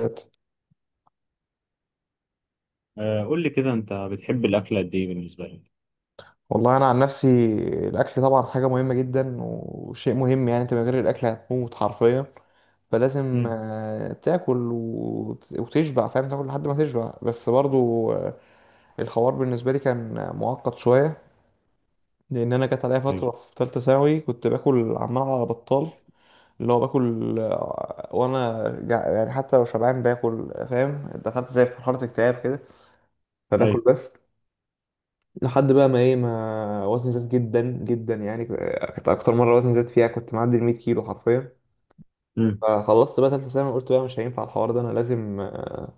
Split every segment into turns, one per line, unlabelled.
ذات.
قول لي كده انت بتحب الاكل قد ايه بالنسبه لك.
والله انا عن نفسي الاكل طبعا حاجه مهمه جدا وشيء مهم يعني انت من غير الاكل هتموت حرفيا. فلازم
امم.
تاكل وتشبع، فاهم، تاكل لحد ما تشبع بس برضو الحوار بالنسبه لي كان معقد شويه. لان انا جت عليا
ايوه
فتره في ثالثه ثانوي كنت باكل عمال على بطال، اللي هو باكل وانا يعني حتى لو شبعان باكل، فاهم؟ دخلت زي في مرحله اكتئاب كده فباكل
ايوه.
بس. لحد بقى ما ايه ما وزني زاد جدا جدا، يعني كانت اكتر مره وزني زاد فيها كنت معدي ال 100 كيلو حرفيا.
امم.
فخلصت بقى تالتة ثانوي قلت بقى مش هينفع الحوار ده، انا لازم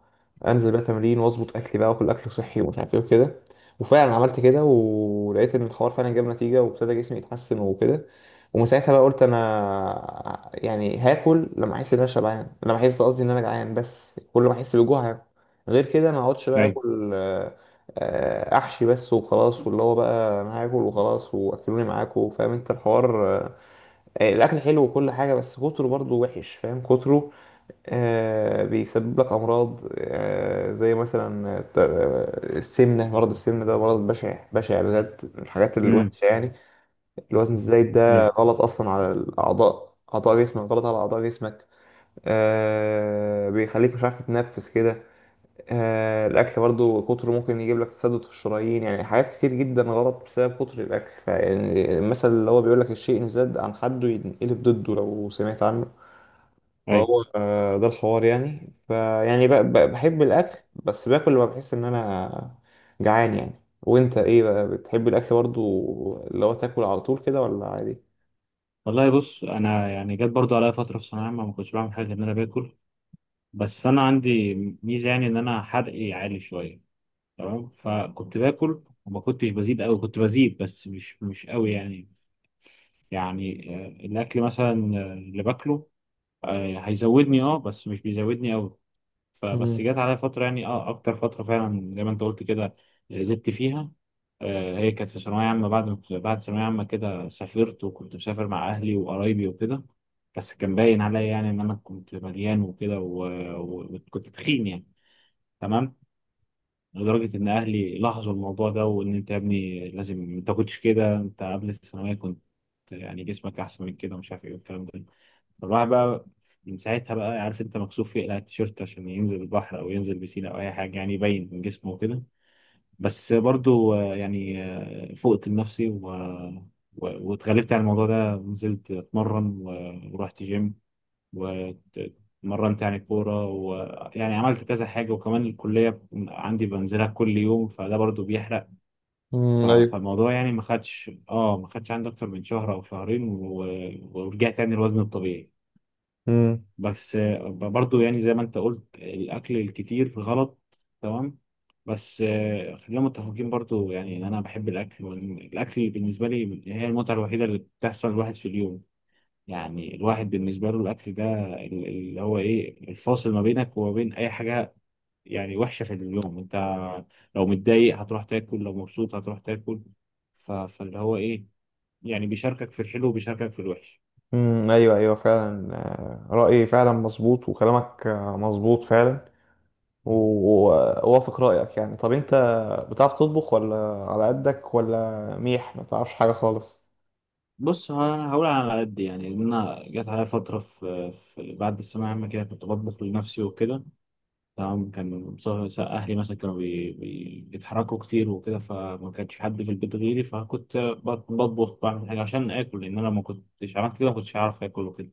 انزل بقى تمرين واظبط اكلي بقى واكل اكل صحي ومش عارف ايه وكده. وفعلا عملت كده ولقيت ان الحوار فعلا جاب نتيجة وابتدى جسمي يتحسن وكده. ومن ساعتها بقى قلت انا يعني هاكل لما احس ان انا شبعان، لما احس قصدي ان انا جعان، بس كل ما احس بالجوع هاكل. غير كده انا ما اقعدش بقى
ايوه.
اكل احشي بس وخلاص، واللي هو بقى انا هاكل وخلاص واكلوني معاكم، فاهم انت الحوار؟ الاكل حلو وكل حاجه بس كتره برضو وحش، فاهم، كتره بيسبب لك امراض زي مثلا السمنه. مرض السمنه ده مرض بشع بشع بجد، من الحاجات
امم.
الوحشه يعني. الوزن الزايد ده
ايوه
غلط اصلا على الاعضاء، اعضاء جسمك غلط على اعضاء جسمك، آه، بيخليك مش عارف تتنفس كده. الاكل برضو كتره ممكن يجيب لك تسدد في الشرايين، يعني حاجات كتير جدا غلط بسبب كتر الاكل. فيعني المثل اللي هو بيقول لك الشيء ان زاد عن حده ينقلب ضده، لو سمعت عنه.
ايوه.
فهو ده الحوار يعني. فيعني بحب الاكل بس باكل لما بحس ان انا جعان يعني. وانت ايه بقى، بتحب الاكل برضو اللي هو تاكل على طول كده ولا عادي؟
والله بص انا يعني جت برضو عليا فتره في ثانويه عامه ما كنتش بعمل حاجه غير ان انا باكل. بس انا عندي ميزه يعني ان انا حرقي عالي شويه، تمام، فكنت باكل وما كنتش بزيد قوي، كنت بزيد بس مش قوي يعني. يعني الاكل مثلا اللي باكله هيزودني اه بس مش بيزودني قوي. فبس
مم.
جت عليا فترة يعني اه أكتر فترة فعلا زي ما أنت قلت كده، زدت فيها. آه هي كانت في ثانوية عامة، بعد ما كنت- بعد ثانوية عامة كده سافرت وكنت مسافر مع أهلي وقرايبي وكده. بس كان باين عليا يعني إن أنا كنت مليان وكده وكنت تخين يعني، تمام. لدرجة إن أهلي لاحظوا الموضوع ده، وإن أنت يا ابني لازم ما تاكلش كده، أنت قبل الثانوية كنت يعني جسمك أحسن من كده ومش عارف إيه والكلام ده. فالواحد بقى من ساعتها بقى، عارف انت، مكسوف يقلع التيشيرت عشان ينزل البحر او ينزل بسين او اي حاجه يعني يبين من جسمه وكده. بس برضو يعني فقت لنفسي واتغلبت على الموضوع ده، نزلت اتمرن ورحت جيم واتمرنت يعني كوره، ويعني عملت كذا حاجه، وكمان الكليه عندي بنزلها كل يوم فده برضو بيحرق.
مم. ايوه.
فالموضوع يعني ما خدش عندي اكتر من شهر او شهرين، ورجعت يعني الوزن الطبيعي.
امم.
بس برضو يعني زي ما انت قلت الاكل الكتير غلط، تمام. بس خلينا متفقين برضو يعني ان انا بحب الاكل، والاكل بالنسبه لي هي المتعه الوحيده اللي بتحصل الواحد في اليوم. يعني الواحد بالنسبه له الاكل ده اللي هو ايه، الفاصل ما بينك وما بين اي حاجه يعني وحشه في اليوم. انت لو متضايق هتروح تاكل، لو مبسوط هتروح تاكل. فاللي هو ايه يعني، بيشاركك في الحلو وبيشاركك في الوحش.
ايوه ايوه فعلا، رأيي فعلا مظبوط وكلامك مظبوط فعلا، ووافق رأيك يعني. طب انت بتعرف تطبخ ولا على قدك ولا ميح ما تعرفش حاجة خالص؟
بص هقول على قد يعني ان انا جت عليا فتره في بعد الثانويه العامه كده كنت بطبخ لنفسي وكده، تمام. اهلي مثلا كانوا بيتحركوا كتير وكده، فما كانش حد في البيت غيري، فكنت بطبخ، بعمل حاجه عشان اكل، لان انا ما كنتش عملت كده ما كنتش هعرف اكل وكده.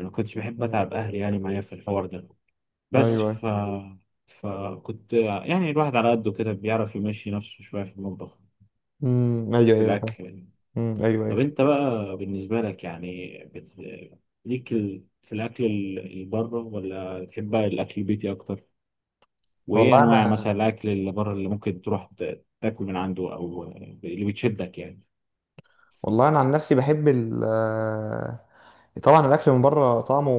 انا ما كنتش بحب
مم.
اتعب اهلي يعني معايا في الحوار ده.
ايوه
بس
ايوه.
ف فكنت يعني الواحد على قده كده بيعرف يمشي نفسه شويه في المطبخ،
ايوه
في
ايوه فاهم.
الاكل يعني.
ايوه
طب
ايوه.
انت بقى بالنسبة لك يعني ليك في الأكل اللي بره، ولا تحب بقى الأكل البيتي أكتر؟ وإيه
والله
أنواع
انا
مثلا الأكل اللي بره اللي ممكن تروح تاكل من عنده، أو اللي بتشدك يعني؟
والله انا عن نفسي بحب ال طبعا الاكل من بره طعمه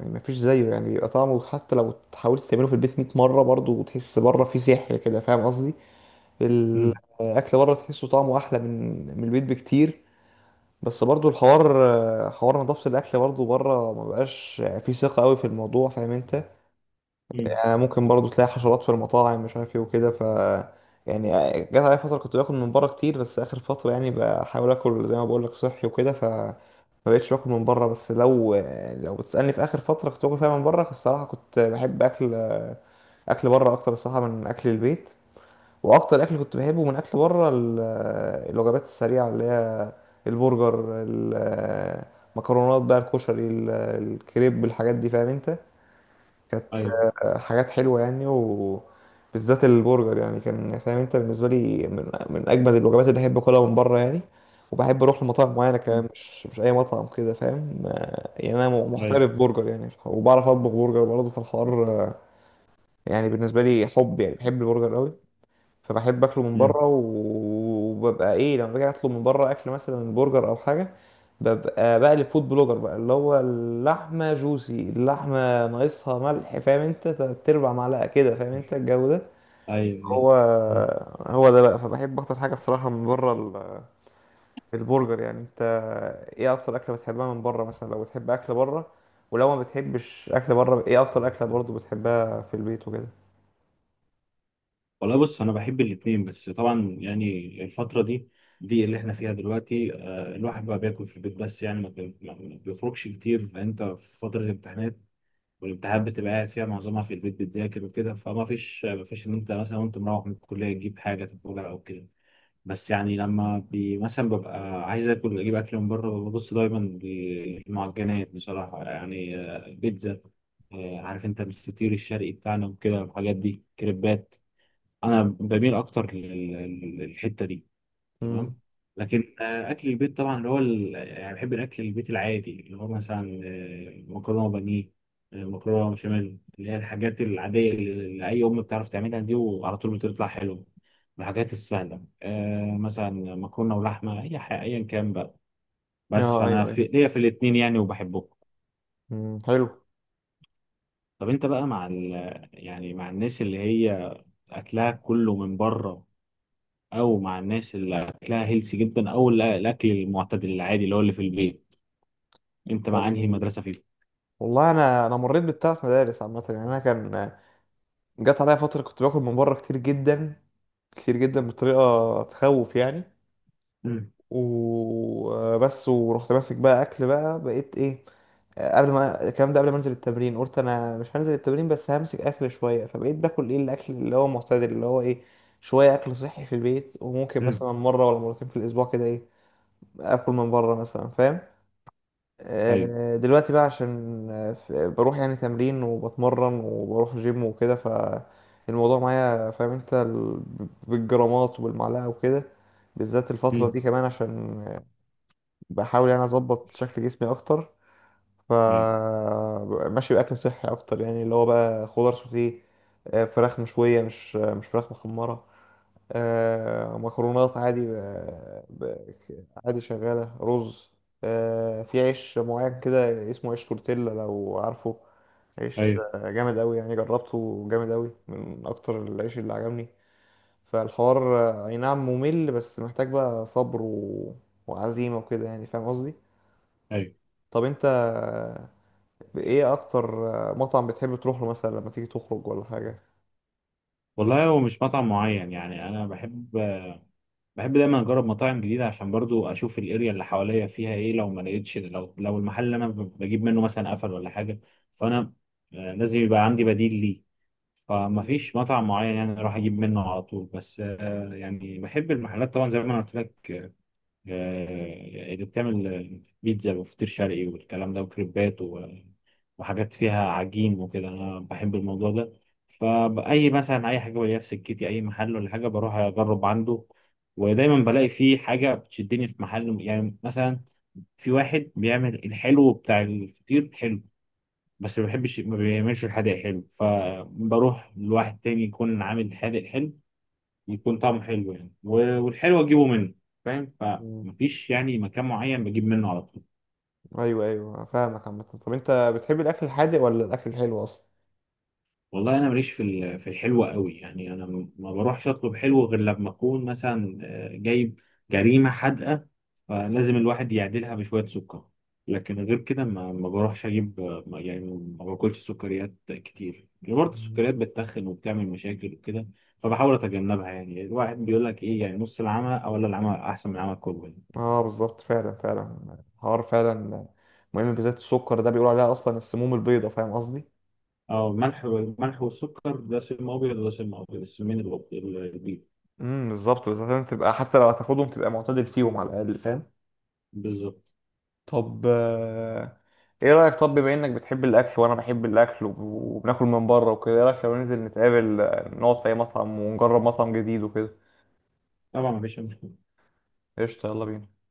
ما فيش زيه، يعني بيبقى طعمه حتى لو حاولت تعمله في البيت 100 مره برضه تحس بره فيه سحر كده، فاهم قصدي؟
مم.
الاكل بره تحسه طعمه احلى من البيت بكتير. بس برضو الحوار حوار نظافة الأكل برضو بره ما بقاش فيه ثقة قوي في الموضوع، فاهم أنت؟
مم.
يعني ممكن برضو تلاقي حشرات في المطاعم، مش عارف إيه وكده. ف يعني جت عليا فترة كنت باكل من بره كتير، بس آخر فترة يعني بحاول آكل زي ما بقول لك صحي وكده، ف ما بقتش باكل من بره. بس لو لو بتسألني في آخر فترة كنت باكل فيها من بره، الصراحة كنت بحب أكل أكل بره أكتر الصراحة من أكل البيت. واكتر اكل كنت بحبه من اكل بره الوجبات السريعه اللي هي البرجر، المكرونات بقى، الكشري، الكريب، الحاجات دي، فاهم انت؟ كانت
أيوه.
حاجات حلوه يعني، وبالذات البرجر يعني كان، فاهم انت، بالنسبه لي من، من اجمد الوجبات اللي احب اكلها من بره يعني. وبحب اروح لمطاعم معينه كمان
مم.
مش اي مطعم كده، فاهم؟ يعني انا
أيوه.
محترف برجر يعني، وبعرف اطبخ برجر برضه في الحوار يعني. بالنسبه لي حب، يعني بحب البرجر قوي. فبحب اكله من
مم.
بره، وببقى ايه لما باجي اطلب من بره اكل مثلا برجر او حاجه. ببقى بقى الفود بلوجر بقى، اللي هو اللحمه جوسي، اللحمه ناقصها ملح، فاهم انت؟ تربع معلقه كده، فاهم انت الجو ده؟
أيوه.
هو
مم.
هو ده بقى. فبحب اكتر حاجه الصراحه من بره البرجر يعني. انت ايه اكتر اكله بتحبها من بره مثلا لو بتحب اكل بره؟ ولو ما بتحبش اكل بره ايه اكتر اكله برضو بتحبها في البيت وكده؟
والله بص أنا بحب الاتنين، بس طبعا يعني الفترة دي دي اللي احنا فيها دلوقتي، الواحد بقى بياكل في البيت بس يعني ما بيخرجش كتير لأن انت في فترة الامتحانات، والامتحانات بتبقى قاعد فيها معظمها في البيت بتذاكر وكده، فما فيش ما فيش ان انت مثلا وانت مروح من الكليه تجيب حاجه تاكلها او كده. بس يعني لما بي مثلا ببقى عايز اكل اجيب اكل من بره، ببص دايما للمعجنات بصراحه، يعني بيتزا، عارف انت الفطير الشرقي بتاعنا وكده، الحاجات دي، كريبات، انا بميل اكتر للحته دي،
امم.
تمام. لكن اكل البيت طبعا اللي هو يعني بحب الاكل البيت العادي اللي هو مثلا مكرونه بانيه، مكرونه بشاميل، اللي هي الحاجات العاديه اللي اي ام بتعرف تعملها دي، وعلى طول بتطلع حلو. الحاجات السهله، مثلا مكرونه ولحمه، اي حاجه ايا كان بقى.
اه
بس
ايوه
فانا في
ايوه.
ليا في الاثنين يعني وبحبهم.
امم.
طب انت بقى مع يعني مع الناس اللي هي اكلها كله من بره، او مع الناس اللي اكلها هيلسي جدا، او الاكل المعتدل العادي اللي هو اللي في البيت، انت مع انهي
حلو.
مدرسه فيهم؟
والله انا، انا مريت بالثلاث مدارس عامه يعني. انا كان جت عليا فتره كنت باكل من بره كتير جدا، كتير جدا بطريقه تخوف يعني.
مم.
وبس ورحت ماسك بقى اكل بقى بقيت ايه، قبل ما الكلام ده قبل ما انزل التمرين قلت انا مش هنزل التمرين بس همسك اكل شويه. فبقيت باكل ايه الاكل اللي هو معتدل، اللي هو ايه، شويه اكل صحي في البيت وممكن
مم.
مثلا مره ولا مرتين في الاسبوع كده ايه اكل من بره مثلا، فاهم؟
ايوه.
دلوقتي بقى عشان بروح يعني تمرين وبتمرن وبروح جيم وكده، فالموضوع معايا فاهم انت بالجرامات وبالمعلقة وكده. بالذات الفترة
مم.
دي كمان عشان بحاول يعني اظبط شكل جسمي اكتر.
ايوه
فماشي بأكل صحي اكتر يعني، اللي هو بقى خضار سوتيه، فراخ مشوية، مش فراخ محمرة، مكرونات عادي، عادي، شغالة رز، في عيش معين كده اسمه عيش تورتيلا لو عارفه. عيش
ايوه
جامد أوي يعني، جربته جامد أوي، من أكتر العيش اللي عجبني. فالحوار أي نعم ممل بس محتاج بقى صبر وعزيمة وكده يعني، فاهم قصدي؟
ايوه.
طب أنت إيه أكتر مطعم بتحب تروح له مثلا لما تيجي تخرج ولا حاجة؟
والله هو مش مطعم معين يعني، انا بحب، بحب دايما اجرب مطاعم جديده عشان برضو اشوف الاريا اللي حواليا فيها ايه، لو ما لقيتش، لو المحل اللي انا بجيب منه مثلا قفل ولا حاجه، فانا لازم يبقى عندي بديل ليه. فما فيش مطعم معين يعني اروح اجيب منه على طول. بس يعني بحب المحلات طبعا زي ما أنا قلت لك، اللي بتعمل بيتزا وفطير شرقي والكلام ده، وكريبات، وحاجات فيها عجين وكده، انا بحب الموضوع ده. فاي مثلا اي حاجه بلاقيها في سكتي، اي محل ولا حاجه بروح اجرب عنده، ودايما بلاقي فيه حاجه بتشدني. في محل يعني مثلا في واحد بيعمل الحلو بتاع الفطير حلو، بس ما بحبش، ما بيعملش الحادق حلو، فبروح لواحد تاني يكون عامل حادق حلو، يكون طعمه حلو يعني، والحلو اجيبه منه، فاهم؟
مم.
فمفيش يعني مكان معين بجيب منه على طول.
ايوه ايوه فاهمك عامة. طب انت بتحب الاكل الحادق ولا الاكل الحلو اصلا؟
والله انا ماليش في في الحلو قوي يعني، انا ما بروحش اطلب حلو غير لما اكون مثلا جايب جريمه حادقه، فلازم الواحد يعدلها بشويه سكر. لكن غير كده ما بروحش اجيب يعني ما باكلش سكريات كتير يعني، برضه
مم.
السكريات بتتخن وبتعمل مشاكل وكده، فبحاول اتجنبها. يعني الواحد بيقول لك ايه يعني، نص العمى او ولا العمى احسن من العمى كله.
اه بالظبط فعلا فعلا الحوار فعلا مهم، بالذات السكر ده بيقولوا عليها اصلا السموم البيضاء، فاهم قصدي؟
اه، الملح والسكر، ده سم ابيض وده سم ابيض، السمين البيض.
بالظبط بالظبط، لازم تبقى حتى لو هتاخدهم تبقى معتدل فيهم على الاقل، فاهم؟
بالظبط.
طب ايه رايك، طب بما انك بتحب الاكل وانا بحب الاكل وبناكل من بره وكده، ايه رايك لو ننزل نتقابل نقعد في اي مطعم ونجرب مطعم جديد وكده؟
طبعا مفيش.
قشطه، يلا بينا.